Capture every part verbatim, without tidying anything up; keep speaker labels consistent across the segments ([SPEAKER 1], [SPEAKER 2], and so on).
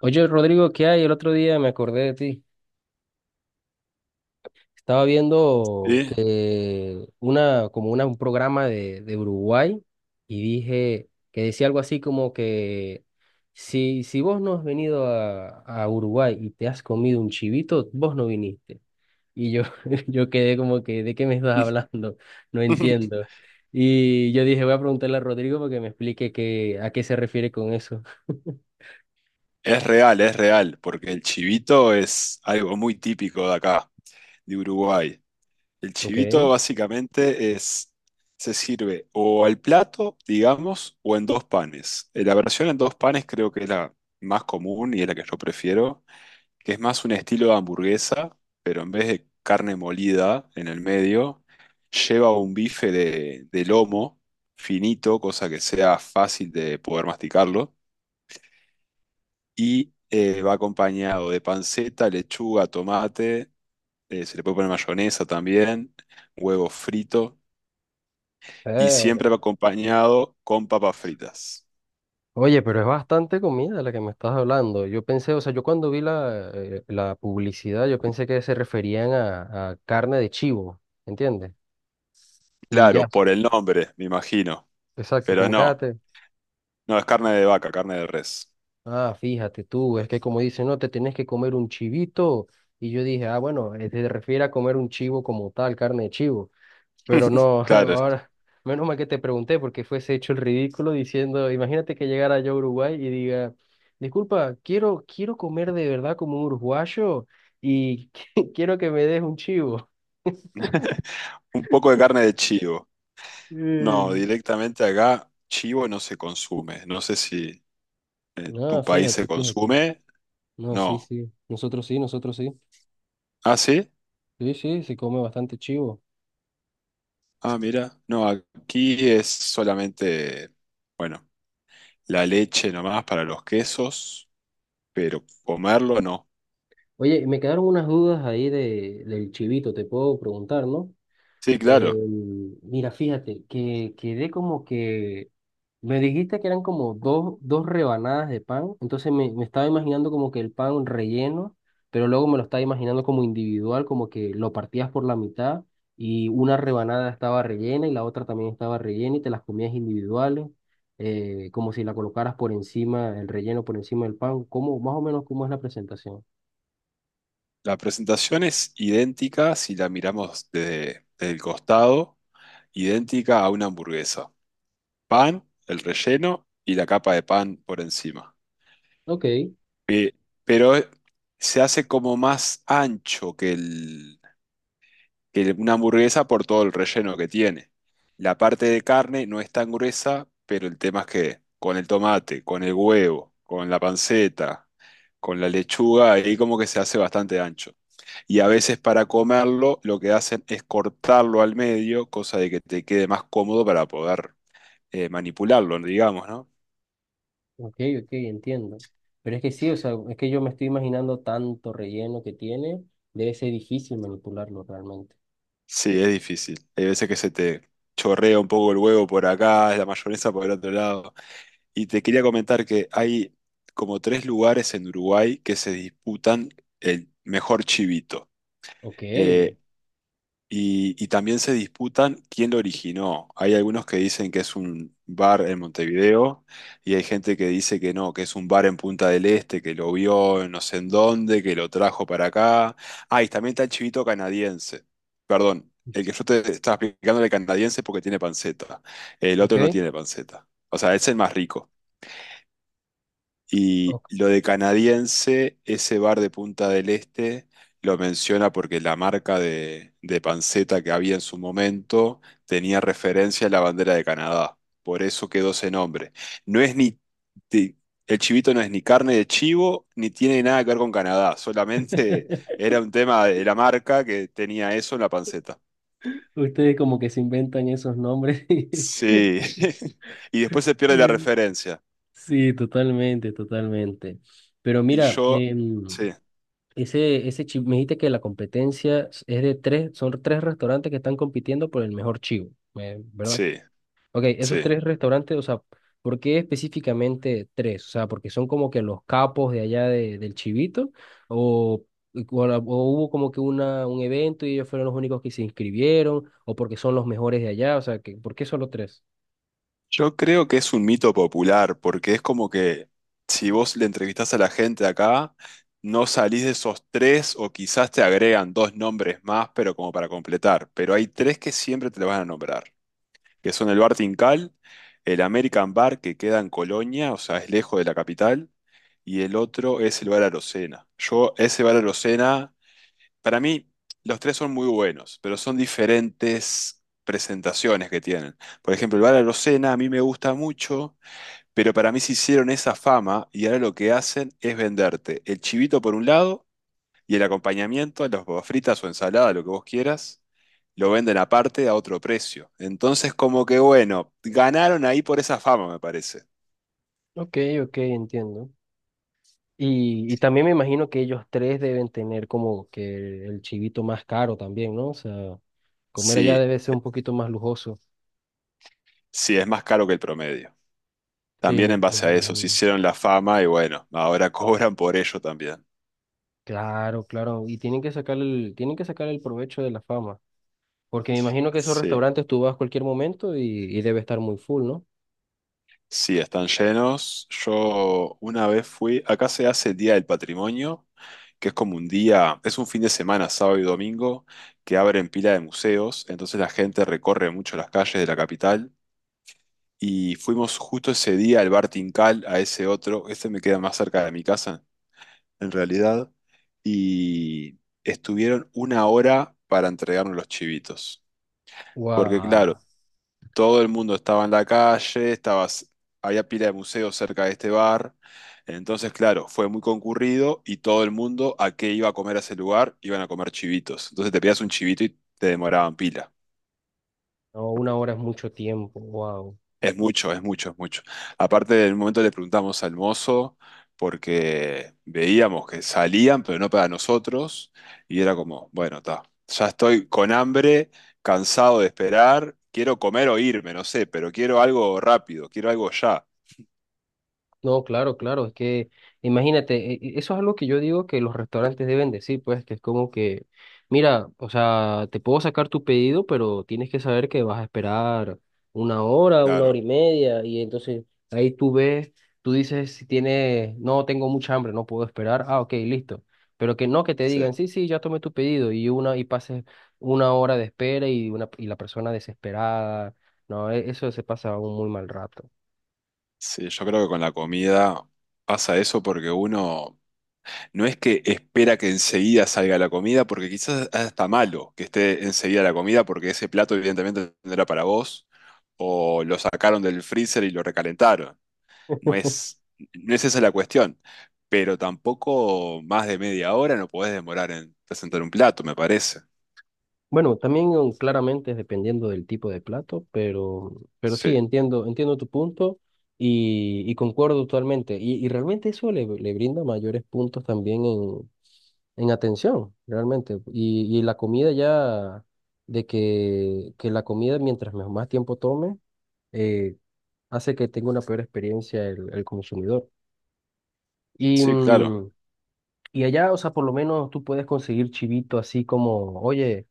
[SPEAKER 1] Oye, Rodrigo, ¿qué hay? El otro día me acordé de ti. Estaba viendo
[SPEAKER 2] Sí.
[SPEAKER 1] que una, como una, un programa de, de Uruguay y dije que decía algo así como que si, si vos no has venido a, a Uruguay y te has comido un chivito, vos no viniste. Y yo, yo quedé como que, ¿de qué me estás hablando? No entiendo. Y yo dije, voy a preguntarle a Rodrigo para que me explique qué, a qué se refiere con eso.
[SPEAKER 2] Es real, es real, porque el chivito es algo muy típico de acá, de Uruguay. El
[SPEAKER 1] Ok.
[SPEAKER 2] chivito básicamente es, se sirve o al plato, digamos, o en dos panes. Eh, La versión en dos panes creo que es la más común y es la que yo prefiero, que es más un estilo de hamburguesa, pero en vez de carne molida en el medio, lleva un bife de, de lomo finito, cosa que sea fácil de poder masticarlo y eh, va acompañado de panceta, lechuga, tomate, eh, se le puede poner mayonesa también, huevo frito y
[SPEAKER 1] Eh,
[SPEAKER 2] siempre va acompañado con papas fritas.
[SPEAKER 1] Oye, pero es bastante comida la que me estás hablando. Yo pensé, o sea, yo cuando vi la, eh, la publicidad, yo pensé que se referían a, a carne de chivo, ¿entiendes? Y
[SPEAKER 2] Claro,
[SPEAKER 1] ya,
[SPEAKER 2] por el nombre, me imagino,
[SPEAKER 1] exacto,
[SPEAKER 2] pero
[SPEAKER 1] como
[SPEAKER 2] no,
[SPEAKER 1] cágate.
[SPEAKER 2] no es carne de vaca, carne de res.
[SPEAKER 1] Ah, fíjate tú, es que como dicen, no, te tienes que comer un chivito. Y yo dije, ah, bueno, eh, se refiere a comer un chivo como tal, carne de chivo. Pero no,
[SPEAKER 2] Claro,
[SPEAKER 1] ahora, menos mal que te pregunté porque fuese hecho el ridículo diciendo, imagínate que llegara yo a Uruguay y diga, disculpa, quiero, quiero comer de verdad como un uruguayo y quiero que me des un chivo.
[SPEAKER 2] un poco de carne de chivo. No,
[SPEAKER 1] Mm.
[SPEAKER 2] directamente acá chivo no se consume. No sé si en tu
[SPEAKER 1] No,
[SPEAKER 2] país se
[SPEAKER 1] fíjate, fíjate.
[SPEAKER 2] consume.
[SPEAKER 1] No, sí,
[SPEAKER 2] No.
[SPEAKER 1] sí. Nosotros sí, nosotros sí.
[SPEAKER 2] ¿Ah, sí?
[SPEAKER 1] Sí, sí, se come bastante chivo.
[SPEAKER 2] Ah, mira. No, aquí es solamente, bueno, la leche nomás para los quesos, pero comerlo no.
[SPEAKER 1] Oye, me quedaron unas dudas ahí de, del chivito, te puedo preguntar, ¿no?
[SPEAKER 2] Sí,
[SPEAKER 1] Eh,
[SPEAKER 2] claro.
[SPEAKER 1] mira, fíjate, que quedé como que me dijiste que eran como dos, dos rebanadas de pan, entonces me, me estaba imaginando como que el pan relleno, pero luego me lo estaba imaginando como individual, como que lo partías por la mitad y una rebanada estaba rellena y la otra también estaba rellena y te las comías individuales, eh, como si la colocaras por encima, el relleno por encima del pan, cómo más o menos cómo es la presentación.
[SPEAKER 2] La presentación es idéntica si la miramos desde, desde el costado, idéntica a una hamburguesa. Pan, el relleno y la capa de pan por encima.
[SPEAKER 1] Ok,
[SPEAKER 2] Eh, pero se hace como más ancho que el, que una hamburguesa por todo el relleno que tiene. La parte de carne no es tan gruesa, pero el tema es que con el tomate, con el huevo, con la panceta, con la lechuga, ahí como que se hace bastante ancho. Y a veces para comerlo lo que hacen es cortarlo al medio, cosa de que te quede más cómodo para poder eh, manipularlo, digamos, ¿no?
[SPEAKER 1] ok, ok, entiendo. Pero es que sí, o sea, es que yo me estoy imaginando tanto relleno que tiene, debe ser difícil manipularlo realmente.
[SPEAKER 2] Sí, es difícil. Hay veces que se te chorrea un poco el huevo por acá, la mayonesa por el otro lado. Y te quería comentar que hay como tres lugares en Uruguay que se disputan el mejor chivito.
[SPEAKER 1] Ok,
[SPEAKER 2] Eh, y, y también se disputan quién lo originó. Hay algunos que dicen que es un bar en Montevideo y hay gente que dice que no, que es un bar en Punta del Este, que lo vio en no sé en dónde, que lo trajo para acá. Ah, y también está el chivito canadiense. Perdón, el que yo te estaba explicando era el canadiense porque tiene panceta. El
[SPEAKER 1] ok,
[SPEAKER 2] otro no tiene panceta. O sea, es el más rico. Y
[SPEAKER 1] ok.
[SPEAKER 2] lo de canadiense, ese bar de Punta del Este lo menciona porque la marca de, de panceta que había en su momento tenía referencia a la bandera de Canadá. Por eso quedó ese nombre. No es ni, ti- El chivito no es ni carne de chivo, ni tiene nada que ver con Canadá. Solamente era un tema de la marca que tenía eso en la panceta.
[SPEAKER 1] Ustedes como que se inventan esos nombres.
[SPEAKER 2] Sí. Y después se pierde la referencia.
[SPEAKER 1] Sí, totalmente, totalmente. Pero
[SPEAKER 2] Y
[SPEAKER 1] mira,
[SPEAKER 2] yo,
[SPEAKER 1] em,
[SPEAKER 2] sí,
[SPEAKER 1] ese, ese chivo, me dijiste que la competencia es de tres, son tres restaurantes que están compitiendo por el mejor chivo, eh, ¿verdad?
[SPEAKER 2] sí,
[SPEAKER 1] Ok, esos
[SPEAKER 2] sí.
[SPEAKER 1] tres restaurantes, o sea, ¿por qué específicamente tres? O sea, porque son como que los capos de allá de, del chivito, o, o la- o hubo como que una, un evento y ellos fueron los únicos que se inscribieron, o porque son los mejores de allá, o sea, que, ¿por qué solo tres?
[SPEAKER 2] Yo creo que es un mito popular, porque es como que si vos le entrevistás a la gente de acá, no salís de esos tres o quizás te agregan dos nombres más, pero como para completar. Pero hay tres que siempre te lo van a nombrar, que son el Bar Tincal, el American Bar que queda en Colonia, o sea, es lejos de la capital, y el otro es el Bar Arocena. Yo ese bar para mí, los tres son muy buenos, pero son diferentes presentaciones que tienen. Por ejemplo, el Bala Locena a mí me gusta mucho, pero para mí se hicieron esa fama y ahora lo que hacen es venderte el chivito por un lado y el acompañamiento, las papas fritas o ensalada, lo que vos quieras, lo venden aparte a otro precio. Entonces, como que bueno, ganaron ahí por esa fama, me parece.
[SPEAKER 1] Ok, ok, entiendo. Y, y también me imagino que ellos tres deben tener como que el chivito más caro también, ¿no? O sea, comer allá
[SPEAKER 2] Sí,
[SPEAKER 1] debe ser un poquito más lujoso.
[SPEAKER 2] sí, es más caro que el promedio.
[SPEAKER 1] Sí,
[SPEAKER 2] También
[SPEAKER 1] me,
[SPEAKER 2] en
[SPEAKER 1] me
[SPEAKER 2] base
[SPEAKER 1] lo
[SPEAKER 2] a eso, se
[SPEAKER 1] imagino.
[SPEAKER 2] hicieron la fama y bueno, ahora cobran por ello también.
[SPEAKER 1] Claro, claro, y tienen que sacar el, tienen que sacar el provecho de la fama, porque me imagino que esos
[SPEAKER 2] Sí,
[SPEAKER 1] restaurantes tú vas a cualquier momento y, y debe estar muy full, ¿no?
[SPEAKER 2] sí, están llenos. Yo una vez fui, acá se hace el Día del Patrimonio, que es como un día, es un fin de semana, sábado y domingo, que abren pila de museos, entonces la gente recorre mucho las calles de la capital. Y fuimos justo ese día al bar Tincal, a ese otro, este me queda más cerca de mi casa, en realidad, y estuvieron una hora para entregarnos los chivitos. Porque claro,
[SPEAKER 1] Wow,
[SPEAKER 2] todo el mundo estaba en la calle, estabas, había pila de museos cerca de este bar. Entonces, claro, fue muy concurrido y todo el mundo a qué iba a comer a ese lugar, iban a comer chivitos. Entonces te pedías un chivito y te demoraban pila.
[SPEAKER 1] no, una hora es mucho tiempo, wow.
[SPEAKER 2] Es mucho, es mucho, es mucho. Aparte, en un momento le preguntamos al mozo porque veíamos que salían, pero no para nosotros. Y era como, bueno, está, ya estoy con hambre, cansado de esperar, quiero comer o irme, no sé, pero quiero algo rápido, quiero algo ya.
[SPEAKER 1] No, claro, claro, es que imagínate, e- e- eso es algo que yo digo que los restaurantes deben decir, pues, que es como que, mira, o sea, te puedo sacar tu pedido, pero tienes que saber que vas a esperar una hora, una hora y
[SPEAKER 2] Claro,
[SPEAKER 1] media, y entonces ahí tú ves, tú dices si tienes, no, tengo mucha hambre, no puedo esperar, ah, ok, listo, pero que no, que te digan,
[SPEAKER 2] sí,
[SPEAKER 1] sí, sí, ya tomé tu pedido, y una, y pases una hora de espera y una, y la persona desesperada, no, e- eso se pasa un muy mal rato.
[SPEAKER 2] sí, yo creo que con la comida pasa eso porque uno no es que espera que enseguida salga la comida, porque quizás hasta malo que esté enseguida la comida, porque ese plato evidentemente no era para vos, o lo sacaron del freezer y lo recalentaron. No es, no es esa la cuestión, pero tampoco más de media hora no podés demorar en presentar un plato, me parece.
[SPEAKER 1] Bueno, también um, claramente es dependiendo del tipo de plato, pero, pero sí,
[SPEAKER 2] Sí,
[SPEAKER 1] entiendo, entiendo tu punto y, y concuerdo totalmente. Y, y realmente eso le, le brinda mayores puntos también en, en atención, realmente. Y, y la comida ya, de que, que la comida mientras me- más tiempo tome, eh, hace que tenga una peor experiencia el, el consumidor. Y,
[SPEAKER 2] sí, claro.
[SPEAKER 1] mm, y allá, o sea, por lo menos tú puedes conseguir chivito así como, oye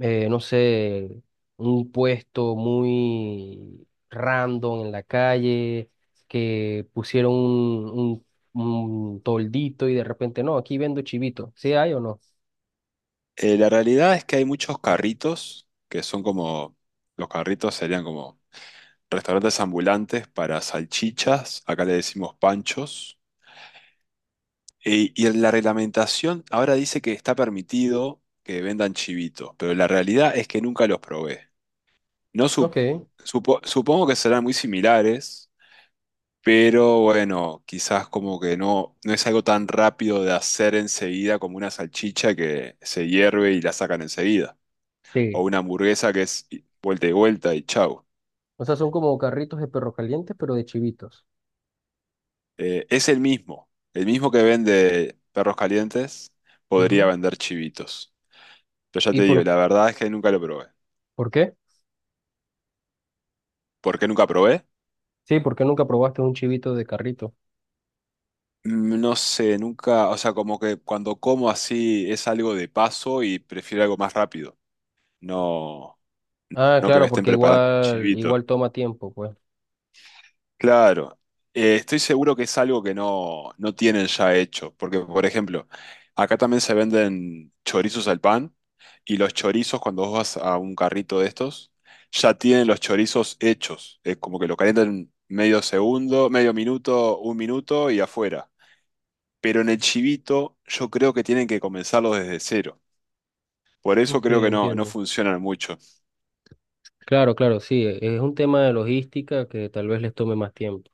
[SPEAKER 1] eh, no sé, un puesto muy random en la calle, que pusieron un, un, un toldito y de repente, no, aquí vendo chivito, ¿sí hay o no?
[SPEAKER 2] Eh, la realidad es que hay muchos carritos que son como, los carritos serían como restaurantes ambulantes para salchichas, acá le decimos panchos, e- y en la reglamentación ahora dice que está permitido que vendan chivitos, pero la realidad es que nunca los probé. No su-
[SPEAKER 1] Ok.
[SPEAKER 2] supo- Supongo que serán muy similares, pero bueno, quizás como que no, no es algo tan rápido de hacer enseguida como una salchicha que se hierve y la sacan enseguida,
[SPEAKER 1] Sí.
[SPEAKER 2] o una hamburguesa que es vuelta y vuelta y chau.
[SPEAKER 1] O sea, son como carritos de perro calientes, pero de chivitos.
[SPEAKER 2] Eh, es el mismo. El mismo que vende perros calientes podría
[SPEAKER 1] Ujú.
[SPEAKER 2] vender chivitos. Pero ya
[SPEAKER 1] ¿Y
[SPEAKER 2] te digo,
[SPEAKER 1] por,
[SPEAKER 2] la verdad es que nunca lo probé.
[SPEAKER 1] por qué?
[SPEAKER 2] ¿Por qué nunca probé?
[SPEAKER 1] Sí, porque nunca probaste un chivito de carrito.
[SPEAKER 2] Mm, no sé, nunca, o sea, como que cuando como así es algo de paso y prefiero algo más rápido. No,
[SPEAKER 1] Ah,
[SPEAKER 2] no que me
[SPEAKER 1] claro,
[SPEAKER 2] estén
[SPEAKER 1] porque
[SPEAKER 2] preparando un
[SPEAKER 1] igual,
[SPEAKER 2] chivito.
[SPEAKER 1] igual toma tiempo, pues.
[SPEAKER 2] Claro, Eh, estoy seguro que es algo que no, no tienen ya hecho, porque por ejemplo, acá también se venden chorizos al pan y los chorizos cuando vos vas a un carrito de estos, ya tienen los chorizos hechos, es como que lo calientan medio segundo, medio minuto, un minuto y afuera. Pero en el chivito yo creo que tienen que comenzarlo desde cero, por eso
[SPEAKER 1] Ok,
[SPEAKER 2] creo que no, no
[SPEAKER 1] entiendo.
[SPEAKER 2] funcionan mucho.
[SPEAKER 1] Claro, claro, sí, e, es un tema de logística que tal vez les tome más tiempo.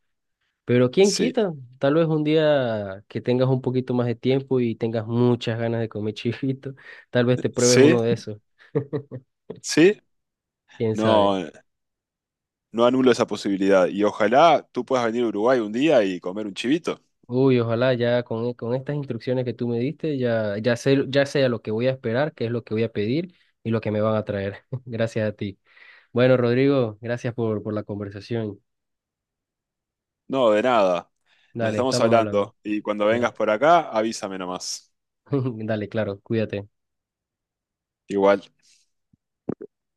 [SPEAKER 1] Pero quién
[SPEAKER 2] Sí,
[SPEAKER 1] quita, tal vez un día que tengas un poquito más de tiempo y tengas muchas ganas de comer chivito, tal vez te pruebes
[SPEAKER 2] sí,
[SPEAKER 1] uno de esos,
[SPEAKER 2] sí,
[SPEAKER 1] quién sabe.
[SPEAKER 2] no. No anulo esa posibilidad. Y ojalá tú puedas venir a Uruguay un día y comer un chivito.
[SPEAKER 1] Uy, ojalá ya con, e- con estas instrucciones que tú me diste, ya, ya sé, ya sé a lo que voy a esperar, qué es lo que voy a pedir y lo que me van a traer. Gracias a ti. Bueno, Rodrigo, gracias por, por la conversación.
[SPEAKER 2] No, de nada. Nos
[SPEAKER 1] Dale,
[SPEAKER 2] estamos
[SPEAKER 1] estamos hablando.
[SPEAKER 2] hablando. Y cuando vengas por acá, avísame nomás.
[SPEAKER 1] Dale, claro, cuídate.
[SPEAKER 2] Igual.